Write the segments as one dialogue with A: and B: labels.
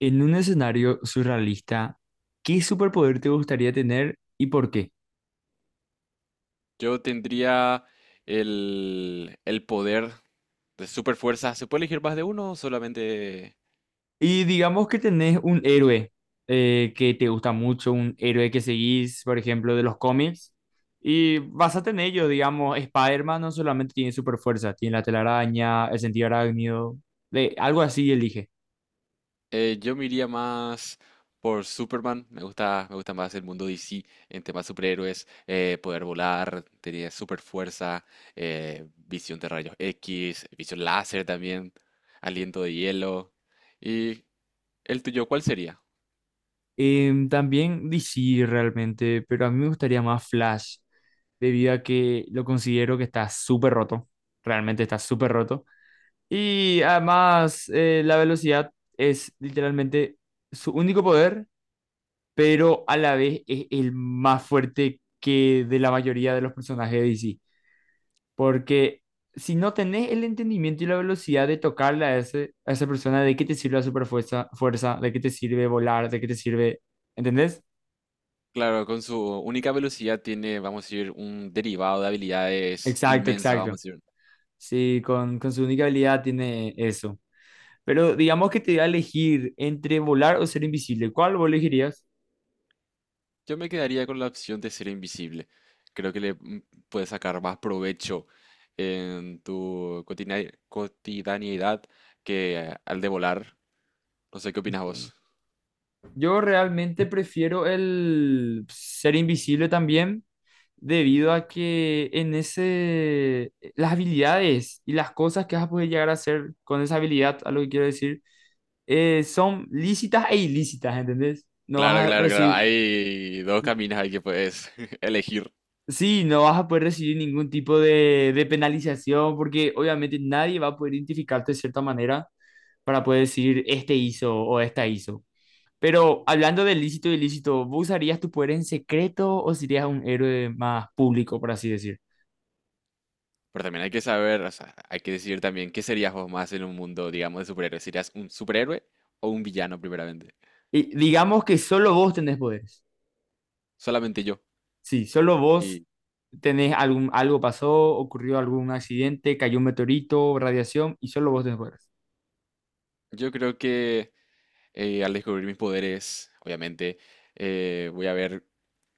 A: En un escenario surrealista, ¿qué superpoder te gustaría tener y por qué?
B: Yo tendría el poder de super fuerza. ¿Se puede elegir más de uno o solamente?
A: Y digamos que tenés un héroe que te gusta mucho, un héroe que seguís, por ejemplo, de los cómics, y basate en ello, digamos, Spider-Man no solamente tiene superfuerza, tiene la telaraña, el sentido arácnido, de, algo así elige.
B: Yo me iría más por Superman. Me gusta más el mundo DC en temas superhéroes. Poder volar, tener super fuerza, visión de rayos X, visión láser también, aliento de hielo. ¿Y el tuyo cuál sería?
A: También DC realmente, pero a mí me gustaría más Flash, debido a que lo considero que está súper roto, realmente está súper roto. Y además, la velocidad es literalmente su único poder, pero a la vez es el más fuerte que de la mayoría de los personajes de DC. Porque si no tenés el entendimiento y la velocidad de tocarle a, ese, a esa persona, ¿de qué te sirve la superfuerza, fuerza? ¿De qué te sirve volar? ¿De qué te sirve? ¿Entendés?
B: Claro, con su única velocidad tiene, vamos a decir, un derivado de habilidades
A: Exacto,
B: inmensa, vamos
A: exacto.
B: a decir.
A: Sí, con su única habilidad tiene eso. Pero digamos que te da a elegir entre volar o ser invisible. ¿Cuál vos elegirías?
B: Yo me quedaría con la opción de ser invisible. Creo que le puedes sacar más provecho en tu cotidianidad que al de volar. No sé qué opinas vos.
A: Yo realmente prefiero el ser invisible también debido a que en ese, las habilidades y las cosas que vas a poder llegar a hacer con esa habilidad, a lo que quiero decir, son lícitas e ilícitas, ¿entendés? No
B: Claro,
A: vas a
B: claro, claro.
A: recibir,
B: Hay dos caminos ahí que puedes elegir.
A: sí, no vas a poder recibir ningún tipo de penalización porque obviamente nadie va a poder identificarte de cierta manera para poder decir, este hizo o esta hizo. Pero hablando de lícito y ilícito, ¿vos usarías tu poder en secreto o serías un héroe más público, por así decir?
B: Pero también hay que saber, o sea, hay que decidir también qué serías vos más en un mundo, digamos, de superhéroes. ¿Serías un superhéroe o un villano, primeramente?
A: Y digamos que solo vos tenés poderes.
B: Solamente yo.
A: Sí, solo vos
B: Y
A: tenés algún, algo pasó, ocurrió algún accidente, cayó un meteorito, radiación, y solo vos tenés poderes.
B: yo creo que al descubrir mis poderes, obviamente, voy a ver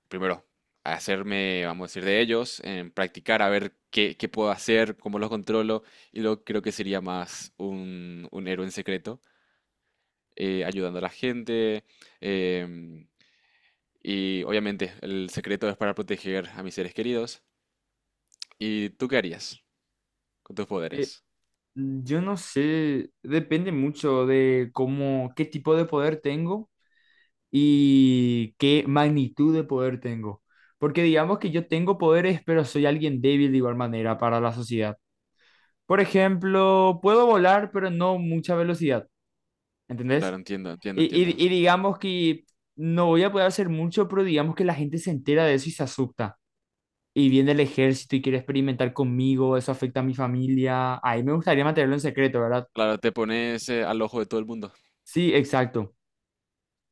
B: primero, hacerme, vamos a decir, de ellos, en practicar a ver qué puedo hacer, cómo los controlo, y luego creo que sería más un héroe en secreto, ayudando a la gente, em, y obviamente el secreto es para proteger a mis seres queridos. ¿Y tú qué harías con tus
A: Eh,
B: poderes?
A: yo no sé, depende mucho de cómo, qué tipo de poder tengo y qué magnitud de poder tengo. Porque digamos que yo tengo poderes, pero soy alguien débil de igual manera para la sociedad. Por ejemplo, puedo volar, pero no mucha velocidad,
B: Claro,
A: ¿entendés?
B: entiendo, entiendo,
A: Y, y-
B: entiendo.
A: y digamos que no voy a poder hacer mucho, pero digamos que la gente se entera de eso y se asusta. Y viene el ejército y quiere experimentar conmigo, eso afecta a mi familia. Ahí me gustaría mantenerlo en secreto, ¿verdad?
B: Claro, te pones al ojo de todo el mundo.
A: Sí, exacto.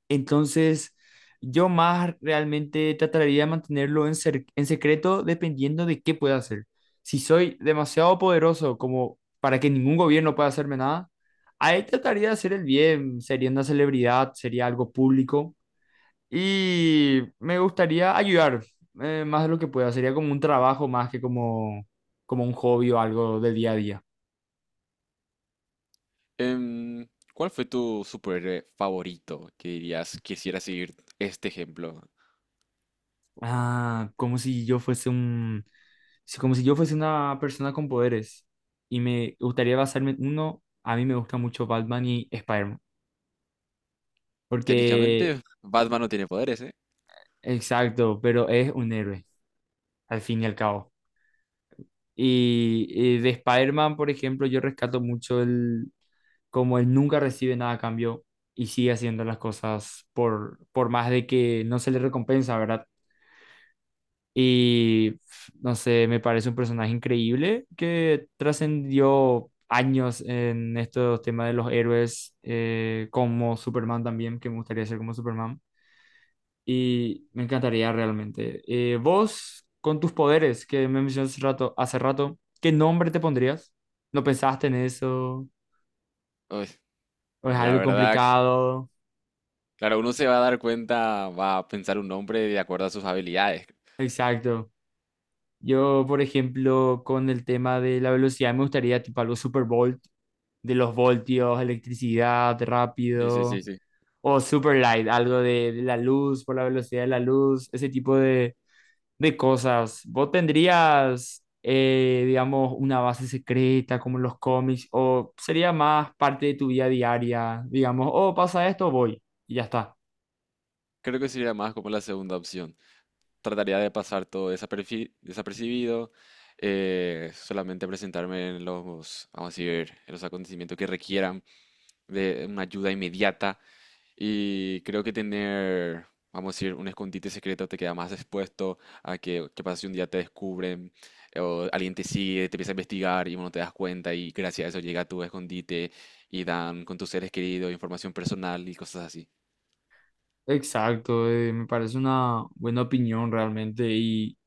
A: Entonces, yo más realmente trataría de mantenerlo en secreto dependiendo de qué pueda hacer. Si soy demasiado poderoso como para que ningún gobierno pueda hacerme nada, ahí trataría de hacer el bien. Sería una celebridad, sería algo público y me gustaría ayudar más de lo que pueda. Sería como un trabajo más que como, como un hobby o algo de día a día.
B: Em, ¿Cuál fue tu superhéroe favorito que dirías quisiera seguir este ejemplo?
A: Ah, como si yo fuese una persona con poderes y me gustaría basarme en uno, a mí me gusta mucho Batman y Spider-Man, porque,
B: Técnicamente, Batman no tiene poderes, ¿eh?
A: exacto, pero es un héroe, al fin y al cabo. Y de Spider-Man, por ejemplo, yo rescato mucho el, como él nunca recibe nada a cambio y sigue haciendo las cosas por más de que no se le recompensa, ¿verdad? Y no sé, me parece un personaje increíble que trascendió años en estos temas de los héroes, como Superman también, que me gustaría ser como Superman. Y me encantaría realmente. Vos, con tus poderes que me mencionaste hace rato, ¿qué nombre te pondrías? ¿No pensaste en eso?
B: Uy,
A: ¿O es
B: la
A: algo
B: verdad,
A: complicado?
B: claro, uno se va a dar cuenta, va a pensar un nombre de acuerdo a sus habilidades.
A: Exacto. Yo, por ejemplo, con el tema de la velocidad, me gustaría tipo algo Super Bowl de los voltios, electricidad
B: Sí, sí, sí,
A: rápido,
B: sí.
A: o super light, algo de la luz, por la velocidad de la luz, ese tipo de cosas. ¿Vos tendrías, digamos, una base secreta como en los cómics, o sería más parte de tu vida diaria, digamos, oh, pasa esto, voy, y ya está.
B: Creo que sería más como la segunda opción. Trataría de pasar todo desapercibido, solamente presentarme en los, vamos a decir, en los acontecimientos que requieran de una ayuda inmediata. Y creo que tener, vamos a decir, un escondite secreto te queda más expuesto a que, qué pasa si un día te descubren o alguien te sigue, te empieza a investigar y uno te das cuenta y gracias a eso llega a tu escondite y dan con tus seres queridos información personal y cosas así.
A: Exacto, me parece una buena opinión realmente y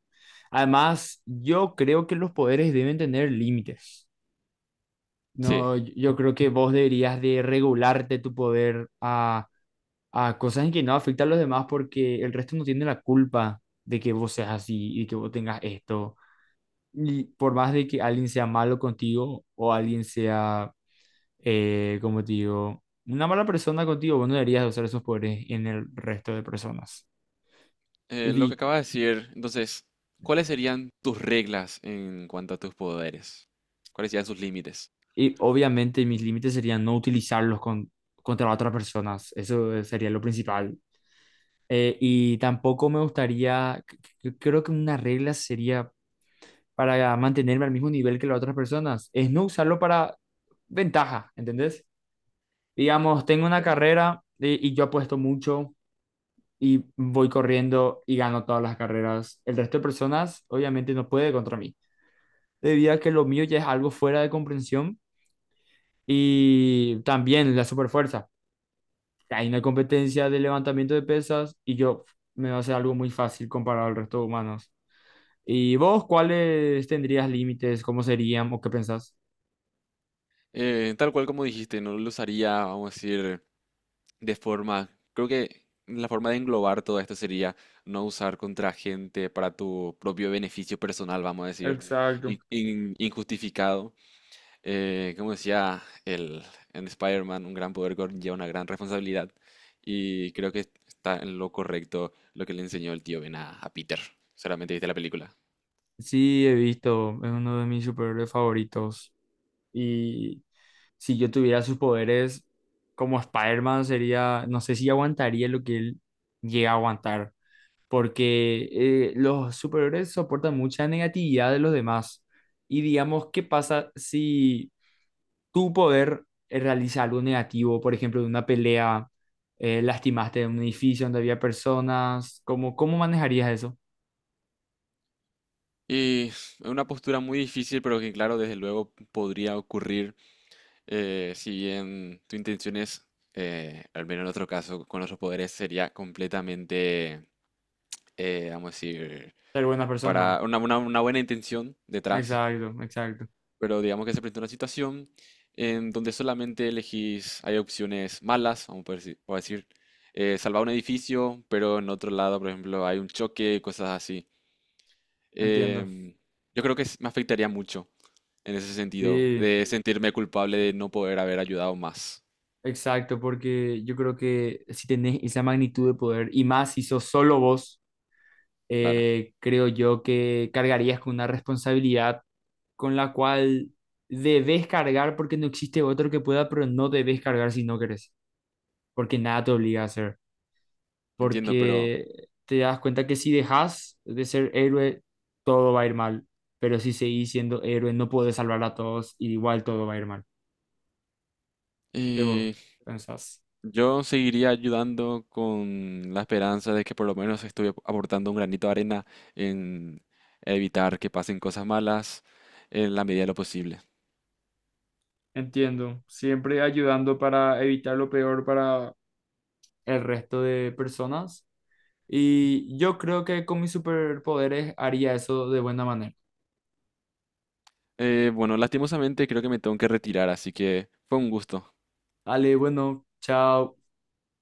A: además yo creo que los poderes deben tener límites.
B: Sí,
A: No, yo creo que vos deberías de regularte tu poder a cosas en que no afecta a los demás porque el resto no tiene la culpa de que vos seas así y que vos tengas esto. Y por más de que alguien sea malo contigo o alguien sea, como te digo, una mala persona contigo, vos no deberías de usar esos poderes en el resto de personas. Y,
B: lo que
A: di-
B: acabas de decir, entonces, ¿cuáles serían tus reglas en cuanto a tus poderes? ¿Cuáles serían sus límites?
A: y obviamente mis límites serían no utilizarlos contra otras personas. Eso sería lo principal. Y tampoco me gustaría, creo que una regla sería para mantenerme al mismo nivel que las otras personas, es no usarlo para ventaja, ¿entendés? Digamos, tengo una
B: Entiendo.
A: carrera y yo apuesto mucho y voy corriendo y gano todas las carreras. El resto de personas obviamente no puede contra mí, debido a que lo mío ya es algo fuera de comprensión y también la superfuerza. Hay una competencia de levantamiento de pesas y yo me va a hacer algo muy fácil comparado al resto de humanos. ¿Y vos cuáles tendrías límites? ¿Cómo serían o qué pensás?
B: Tal cual como dijiste, no lo usaría, vamos a decir de forma, creo que la forma de englobar todo esto sería no usar contra gente para tu propio beneficio personal, vamos a decir,
A: Exacto.
B: injustificado. Como decía en Spider-Man, un gran poder conlleva una gran responsabilidad. Y creo que está en lo correcto lo que le enseñó el tío Ben a Peter. Solamente viste la película.
A: Sí, he visto, es uno de mis superhéroes favoritos. Y si yo tuviera sus poderes como Spider-Man, sería, no sé si aguantaría lo que él llega a aguantar, porque los superhéroes soportan mucha negatividad de los demás. Y digamos, ¿qué pasa si tú poder realizar algo negativo, por ejemplo, de una pelea, lastimaste en un edificio donde había personas, ¿cómo, cómo manejarías eso?
B: Y es una postura muy difícil, pero que claro, desde luego podría ocurrir. Si bien tu intención es, al menos en otro caso, con nuestros poderes sería completamente, vamos a decir,
A: Ser buena persona.
B: para una buena intención detrás,
A: Exacto, exacto.
B: pero digamos que se presenta una situación en donde solamente elegís, hay opciones malas, vamos a poder por decir, salvar un edificio, pero en otro lado, por ejemplo, hay un choque y cosas así.
A: Entiendo.
B: Em, yo creo que me afectaría mucho en ese sentido,
A: Sí,
B: de sentirme culpable de no poder haber ayudado más,
A: exacto, porque yo creo que si tenés esa magnitud de poder, y más si sos solo vos,
B: claro.
A: creo yo que cargarías con una responsabilidad con la cual debes cargar porque no existe otro que pueda, pero no debes cargar si no querés, porque nada te obliga a hacer.
B: Entiendo, pero
A: Porque te das cuenta que si dejas de ser héroe, todo va a ir mal, pero si seguís siendo héroe, no podés salvar a todos y igual todo va a ir mal. ¿Qué vos
B: y
A: pensás?
B: yo seguiría ayudando con la esperanza de que por lo menos estoy aportando un granito de arena en evitar que pasen cosas malas en la medida de lo posible.
A: Entiendo, siempre ayudando para evitar lo peor para el resto de personas. Y yo creo que con mis superpoderes haría eso de buena manera.
B: Bueno, lastimosamente creo que me tengo que retirar, así que fue un gusto.
A: Dale, bueno, chao.